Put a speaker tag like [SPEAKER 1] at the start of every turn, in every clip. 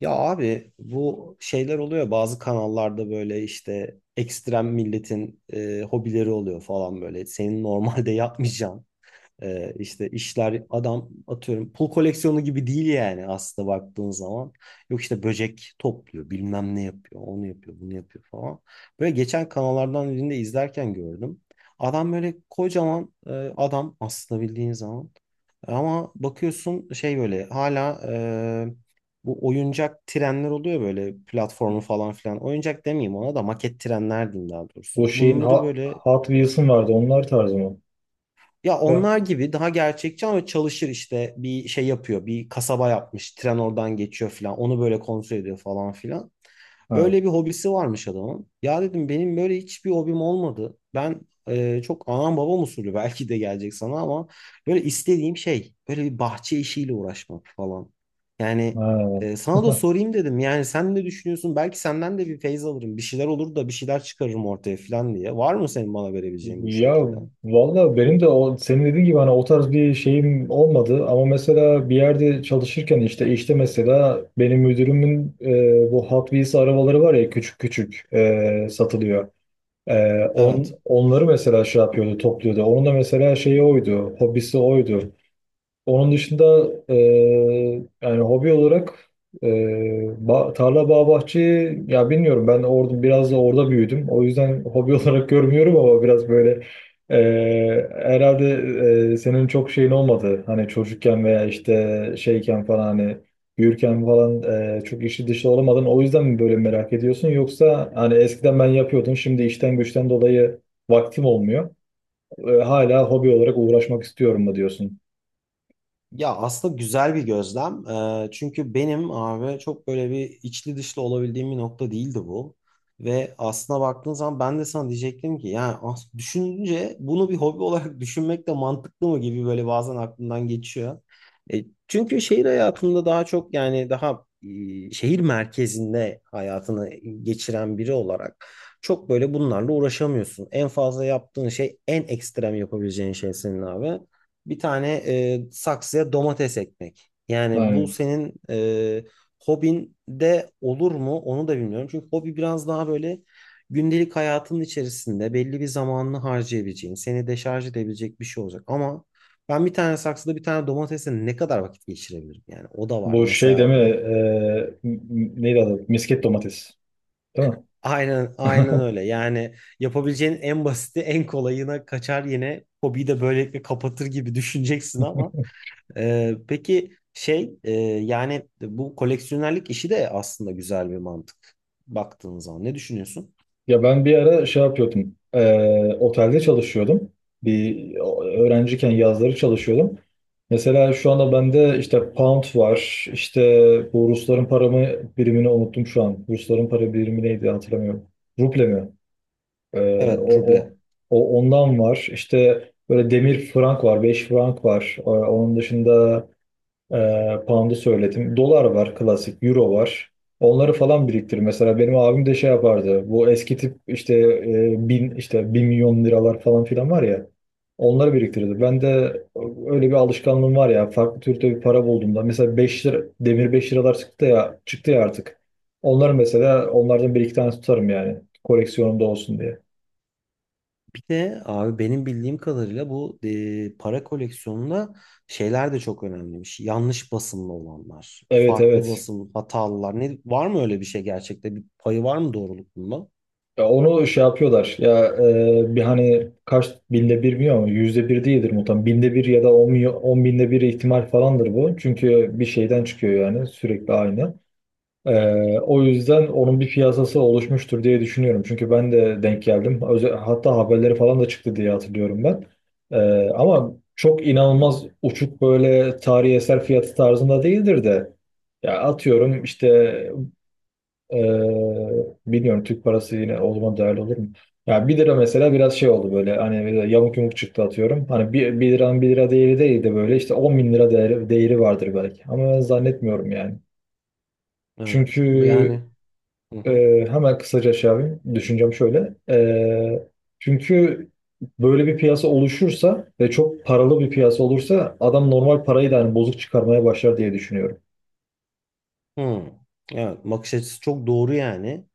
[SPEAKER 1] Ya abi bu şeyler oluyor bazı kanallarda böyle işte ekstrem milletin hobileri oluyor falan böyle. Senin normalde yapmayacağın işte işler adam atıyorum pul koleksiyonu gibi değil yani aslında baktığın zaman. Yok işte böcek topluyor bilmem ne yapıyor onu yapıyor bunu yapıyor falan. Böyle geçen kanallardan birinde izlerken gördüm. Adam böyle kocaman adam aslında bildiğin zaman. Ama bakıyorsun şey böyle hala e, bu oyuncak trenler oluyor böyle platformu falan filan. Oyuncak demeyeyim, ona da maket trenler diyeyim daha
[SPEAKER 2] Bu
[SPEAKER 1] doğrusu.
[SPEAKER 2] şeyin
[SPEAKER 1] Bunları böyle
[SPEAKER 2] Hot Wheels'ın vardı. Onlar tarzı mı?
[SPEAKER 1] ya
[SPEAKER 2] Ha.
[SPEAKER 1] onlar gibi daha gerçekçi ama çalışır, işte bir şey yapıyor. Bir kasaba yapmış. Tren oradan geçiyor falan. Onu böyle kontrol ediyor falan filan.
[SPEAKER 2] Ha.
[SPEAKER 1] Öyle bir hobisi varmış adamın. Ya dedim benim böyle hiçbir hobim olmadı. Ben çok anam babam usulü belki de gelecek sana ama böyle istediğim şey böyle bir bahçe işiyle uğraşmak falan. Yani
[SPEAKER 2] Ha.
[SPEAKER 1] sana da sorayım dedim. Yani sen ne düşünüyorsun? Belki senden de bir feyz alırım. Bir şeyler olur da bir şeyler çıkarırım ortaya falan diye. Var mı senin bana verebileceğin bu
[SPEAKER 2] Ya
[SPEAKER 1] şekilde?
[SPEAKER 2] valla benim de senin dediğin gibi hani o tarz bir şeyim olmadı, ama mesela bir yerde çalışırken işte mesela benim müdürümün bu Hot Wheels arabaları var ya, küçük küçük satılıyor.
[SPEAKER 1] Evet.
[SPEAKER 2] Onları mesela şey yapıyordu, topluyordu. Onun da mesela şeyi oydu, hobisi oydu. Onun dışında yani hobi olarak e, tarla, bağ, bahçe, ya bilmiyorum, ben orada biraz da orada büyüdüm. O yüzden hobi olarak görmüyorum, ama biraz böyle herhalde senin çok şeyin olmadı. Hani çocukken veya işte şeyken falan, hani büyürken falan, çok işi dışı olamadın. O yüzden mi böyle merak ediyorsun, yoksa hani eskiden ben yapıyordum, şimdi işten güçten dolayı vaktim olmuyor, hala hobi olarak uğraşmak istiyorum mu diyorsun?
[SPEAKER 1] Ya aslında güzel bir gözlem. Çünkü benim abi çok böyle bir içli dışlı olabildiğim bir nokta değildi bu. Ve aslına baktığın zaman ben de sana diyecektim ki yani düşününce bunu bir hobi olarak düşünmek de mantıklı mı gibi böyle bazen aklımdan geçiyor. E, çünkü şehir hayatında daha çok yani daha şehir merkezinde hayatını geçiren biri olarak çok böyle bunlarla uğraşamıyorsun. En fazla yaptığın şey, en ekstrem yapabileceğin şey senin abi bir tane saksıya domates ekmek. Yani bu
[SPEAKER 2] Yani
[SPEAKER 1] senin hobin de olur mu onu da bilmiyorum. Çünkü hobi biraz daha böyle gündelik hayatının içerisinde belli bir zamanını harcayabileceğin, seni deşarj edebilecek bir şey olacak. Ama ben bir tane saksıda bir tane domatesle ne kadar vakit geçirebilirim? Yani o da var.
[SPEAKER 2] bu şey değil
[SPEAKER 1] Mesela
[SPEAKER 2] mi? Neydi adı? Misket domates. Değil mi?
[SPEAKER 1] aynen aynen öyle. Yani yapabileceğin en basiti, en kolayına kaçar yine hobiyi de böylelikle kapatır gibi düşüneceksin ama peki şey yani bu koleksiyonerlik işi de aslında güzel bir mantık baktığın zaman. Ne düşünüyorsun?
[SPEAKER 2] Ya ben bir ara şey yapıyordum. Otelde çalışıyordum. Bir öğrenciyken yazları çalışıyordum. Mesela şu anda bende işte pound var. İşte bu Rusların paramı birimini unuttum şu an. Rusların para birimi neydi, hatırlamıyorum. Ruble mi?
[SPEAKER 1] Evet,
[SPEAKER 2] O, o,
[SPEAKER 1] ruble.
[SPEAKER 2] o Ondan var. İşte böyle demir frank var, 5 frank var. Onun dışında, pound'u söyledim. Dolar var klasik, euro var. Onları falan biriktir. Mesela benim abim de şey yapardı. Bu eski tip, işte bin, işte bir milyon liralar falan filan var ya. Onları biriktirirdi. Ben de öyle bir alışkanlığım var ya. Farklı türde bir para bulduğumda. Mesela 5 lira, demir 5 liralar çıktı ya, çıktı ya artık. Onları mesela, onlardan bir iki tane tutarım yani. Koleksiyonumda olsun diye.
[SPEAKER 1] Bir de abi benim bildiğim kadarıyla bu para koleksiyonunda şeyler de çok önemliymiş. Yanlış basımlı olanlar,
[SPEAKER 2] Evet,
[SPEAKER 1] farklı
[SPEAKER 2] evet.
[SPEAKER 1] basım, hatalılar. Ne, var mı öyle bir şey gerçekte? Bir payı var mı doğruluk bunda?
[SPEAKER 2] Ya onu şey yapıyorlar ya, bir hani kaç binde bir bilmiyor, ama yüzde bir değildir muhtemelen, binde bir ya da on binde bir ihtimal falandır bu, çünkü bir şeyden çıkıyor yani sürekli aynı. O yüzden onun bir piyasası oluşmuştur diye düşünüyorum, çünkü ben de denk geldim. Hatta haberleri falan da çıktı diye hatırlıyorum ben. Ama çok inanılmaz uçuk, böyle tarihi eser fiyatı tarzında değildir de, ya atıyorum işte, ee, bilmiyorum, Türk parası yine o zaman değerli olur mu? Ya bir lira mesela biraz şey oldu böyle, hani böyle yamuk yumuk çıktı atıyorum. Hani bir liranın bir lira değeri değil de böyle işte 10.000 lira değeri vardır belki. Ama ben zannetmiyorum yani.
[SPEAKER 1] Evet.
[SPEAKER 2] Çünkü
[SPEAKER 1] Yani. Hı hı.
[SPEAKER 2] hemen kısaca şey yapayım. Düşüncem şöyle. Çünkü böyle bir piyasa oluşursa ve çok paralı bir piyasa olursa, adam normal parayı da hani bozuk çıkarmaya başlar diye düşünüyorum.
[SPEAKER 1] Hı. Evet, bakış açısı çok doğru yani.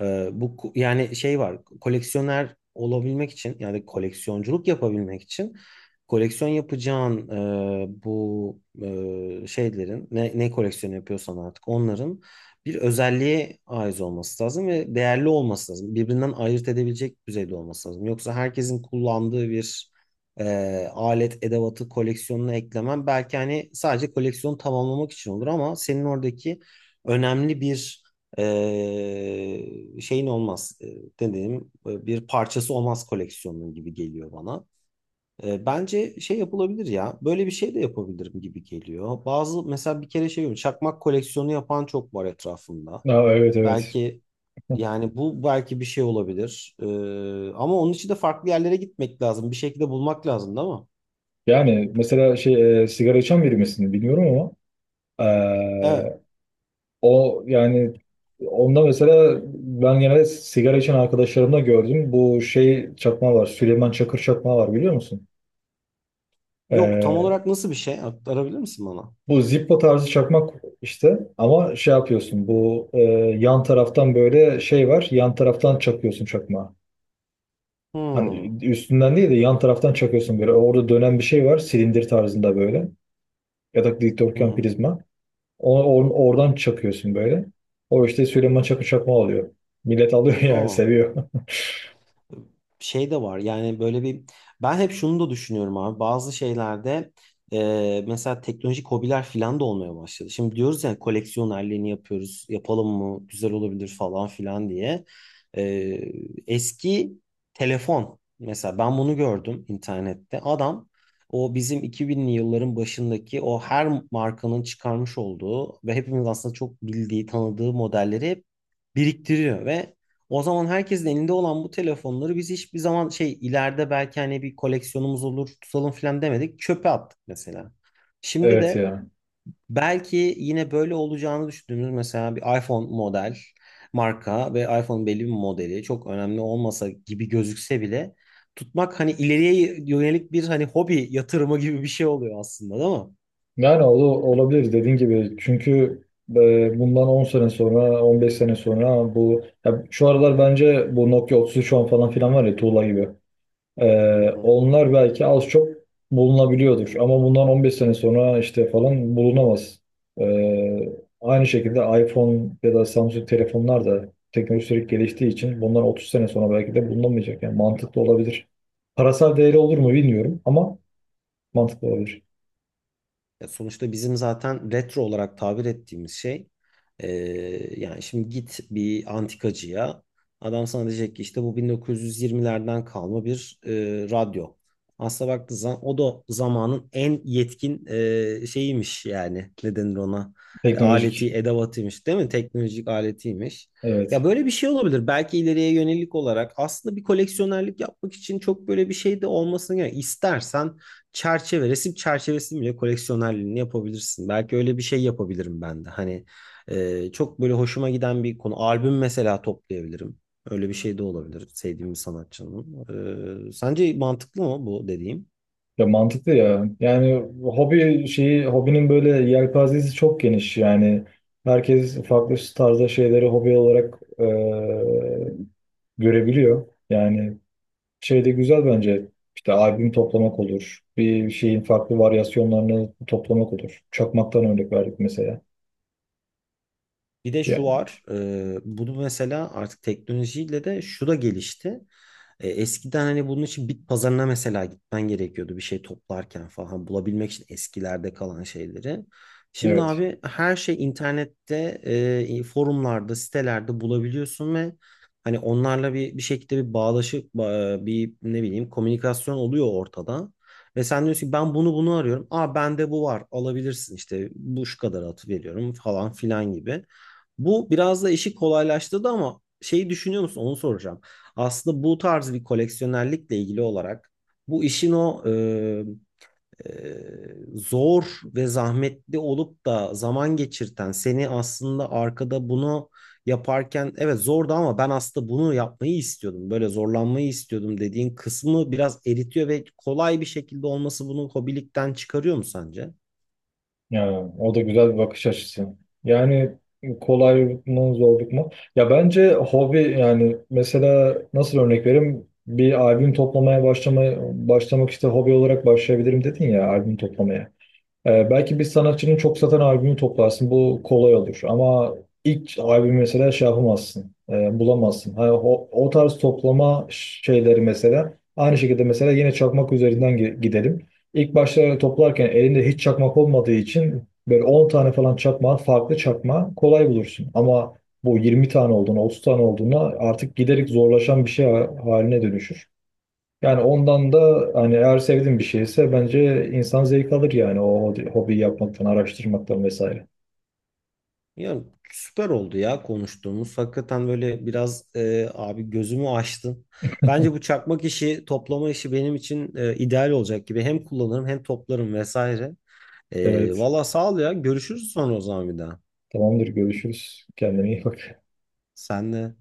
[SPEAKER 1] Bu yani şey var, koleksiyoner olabilmek için yani koleksiyonculuk yapabilmek için koleksiyon yapacağın bu şeylerin, ne, ne koleksiyonu yapıyorsan artık onların bir özelliğe ait olması lazım ve değerli olması lazım. Birbirinden ayırt edebilecek düzeyde olması lazım. Yoksa herkesin kullandığı bir e, alet edevatı koleksiyonuna eklemen belki hani sadece koleksiyonu tamamlamak için olur ama senin oradaki önemli bir şeyin olmaz, dediğim bir parçası olmaz koleksiyonun gibi geliyor bana. E, bence şey yapılabilir ya, böyle bir şey de yapabilirim gibi geliyor. Bazı mesela bir kere şey çakmak koleksiyonu yapan çok var etrafımda.
[SPEAKER 2] Ha, evet, evet.
[SPEAKER 1] Belki yani bu belki bir şey olabilir. E, ama onun için de farklı yerlere gitmek lazım. Bir şekilde bulmak lazım, değil mi?
[SPEAKER 2] Yani mesela şey, sigara içen biri misin bilmiyorum, ama Ee,
[SPEAKER 1] Evet.
[SPEAKER 2] o yani onda mesela ben genelde sigara içen arkadaşlarımda gördüm. Bu şey çakma var. Süleyman Çakır çakma var, biliyor musun?
[SPEAKER 1] Yok, tam
[SPEAKER 2] Ee,
[SPEAKER 1] olarak nasıl bir şey? Arabilir misin bana?
[SPEAKER 2] Bu Zippo tarzı çakmak işte, ama şey yapıyorsun, bu yan taraftan böyle şey var, yan taraftan çakıyorsun çakmağı.
[SPEAKER 1] Hmm.
[SPEAKER 2] Hani üstünden değil de yan taraftan çakıyorsun, böyle orada dönen bir şey var silindir tarzında böyle, ya da
[SPEAKER 1] Hı
[SPEAKER 2] dikdörtgen
[SPEAKER 1] hı.
[SPEAKER 2] prizma. Oradan çakıyorsun böyle. O işte Süleyman Çakı çakma alıyor. Millet alıyor yani
[SPEAKER 1] Aa.
[SPEAKER 2] seviyor.
[SPEAKER 1] Şey de var yani böyle bir ben hep şunu da düşünüyorum abi bazı şeylerde mesela teknolojik hobiler falan da olmaya başladı. Şimdi diyoruz ya koleksiyonerliğini yapıyoruz, yapalım mı, güzel olabilir falan filan diye. E, eski telefon mesela, ben bunu gördüm internette, adam o bizim 2000'li yılların başındaki o her markanın çıkarmış olduğu ve hepimiz aslında çok bildiği tanıdığı modelleri hep biriktiriyor ve o zaman herkesin elinde olan bu telefonları biz hiçbir zaman şey, ileride belki hani bir koleksiyonumuz olur tutalım falan demedik. Çöpe attık mesela. Şimdi
[SPEAKER 2] Evet
[SPEAKER 1] de
[SPEAKER 2] ya.
[SPEAKER 1] belki yine böyle olacağını düşündüğümüz mesela bir iPhone model marka ve iPhone belli bir modeli çok önemli olmasa gibi gözükse bile tutmak hani ileriye yönelik bir hani hobi yatırımı gibi bir şey oluyor aslında, değil mi?
[SPEAKER 2] Yani o olabilir dediğin gibi. Çünkü bundan 10 sene sonra, 15 sene sonra, bu ya şu aralar bence bu Nokia 3310 falan filan var ya, tuğla gibi.
[SPEAKER 1] Hı
[SPEAKER 2] Onlar belki az çok bulunabiliyordur, ama bundan 15 sene sonra işte falan bulunamaz. Ee, Aynı şekilde iPhone ya da Samsung telefonlar da teknoloji sürekli geliştiği için bundan 30 sene sonra belki de bulunamayacak. Yani mantıklı olabilir. Parasal değeri
[SPEAKER 1] hı.
[SPEAKER 2] olur mu bilmiyorum, ama mantıklı olabilir.
[SPEAKER 1] Ya sonuçta bizim zaten retro olarak tabir ettiğimiz şey, e, yani şimdi git bir antikacıya, adam sana diyecek ki işte bu 1920'lerden kalma bir radyo. Aslına baktığı zaman o da zamanın en yetkin şeyiymiş, yani ne denir ona. E,
[SPEAKER 2] Teknolojik.
[SPEAKER 1] aleti edevatıymış, değil mi? Teknolojik aletiymiş. Ya
[SPEAKER 2] Evet.
[SPEAKER 1] böyle bir şey olabilir. Belki ileriye yönelik olarak aslında bir koleksiyonerlik yapmak için çok böyle bir şey de olmasını gerek. İstersen çerçeve, resim çerçevesini bile koleksiyonerliğini yapabilirsin. Belki öyle bir şey yapabilirim ben de. Hani çok böyle hoşuma giden bir konu. Albüm mesela toplayabilirim. Öyle bir şey de olabilir, sevdiğim bir sanatçının. E, sence mantıklı mı bu dediğim?
[SPEAKER 2] Ya, mantıklı ya. Yani hobinin böyle yelpazesi çok geniş. Yani herkes farklı tarzda şeyleri hobi olarak görebiliyor. Yani şey de güzel bence. İşte albüm toplamak olur. Bir şeyin farklı varyasyonlarını toplamak olur. Çakmaktan örnek verdik mesela.
[SPEAKER 1] Bir de
[SPEAKER 2] Ya,
[SPEAKER 1] şu var, bunu mesela artık teknolojiyle de şu da gelişti. E, eskiden hani bunun için bit pazarına mesela gitmen gerekiyordu bir şey toplarken falan, bulabilmek için eskilerde kalan şeyleri. Şimdi
[SPEAKER 2] evet.
[SPEAKER 1] abi her şey internette, forumlarda, sitelerde bulabiliyorsun ve hani onlarla bir şekilde bir bağlaşıp bir ne bileyim komünikasyon oluyor ortada. Ve sen diyorsun ki ben bunu bunu arıyorum. Aa, bende bu var, alabilirsin işte, bu şu kadar at, veriyorum falan filan gibi. Bu biraz da işi kolaylaştırdı ama şeyi düşünüyor musun? Onu soracağım. Aslında bu tarz bir koleksiyonerlikle ilgili olarak bu işin o e, zor ve zahmetli olup da zaman geçirten, seni aslında arkada bunu yaparken evet zordu ama ben aslında bunu yapmayı istiyordum. Böyle zorlanmayı istiyordum dediğin kısmı biraz eritiyor ve kolay bir şekilde olması bunu hobilikten çıkarıyor mu sence?
[SPEAKER 2] Ya o da güzel bir bakış açısı. Yani kolaylık mı, zorluk mu? Ya bence hobi yani mesela nasıl örnek vereyim? Bir albüm toplamaya başlamaya başlamak işte hobi olarak başlayabilirim dedin ya, albüm toplamaya. Belki bir sanatçının çok satan albümü toplarsın. Bu kolay olur. Ama ilk albüm mesela şey yapamazsın, bulamazsın. Ha, o tarz toplama şeyleri mesela. Aynı şekilde mesela yine çakmak üzerinden gidelim. İlk başta toplarken elinde hiç çakmak olmadığı için böyle 10 tane falan çakma, farklı çakma kolay bulursun. Ama bu 20 tane olduğuna, 30 tane olduğuna, artık giderek zorlaşan bir şey haline dönüşür. Yani ondan da hani eğer sevdiğin bir şeyse bence insan zevk alır, yani o hobiyi yapmaktan, araştırmaktan vesaire.
[SPEAKER 1] Ya süper oldu ya konuştuğumuz. Hakikaten böyle biraz abi gözümü açtın. Bence bu çakmak işi, toplama işi benim için ideal olacak gibi. Hem kullanırım hem toplarım vesaire. E,
[SPEAKER 2] Evet.
[SPEAKER 1] valla sağ ol ya. Görüşürüz sonra o zaman bir daha.
[SPEAKER 2] Tamamdır, görüşürüz. Kendine iyi bak.
[SPEAKER 1] Senle.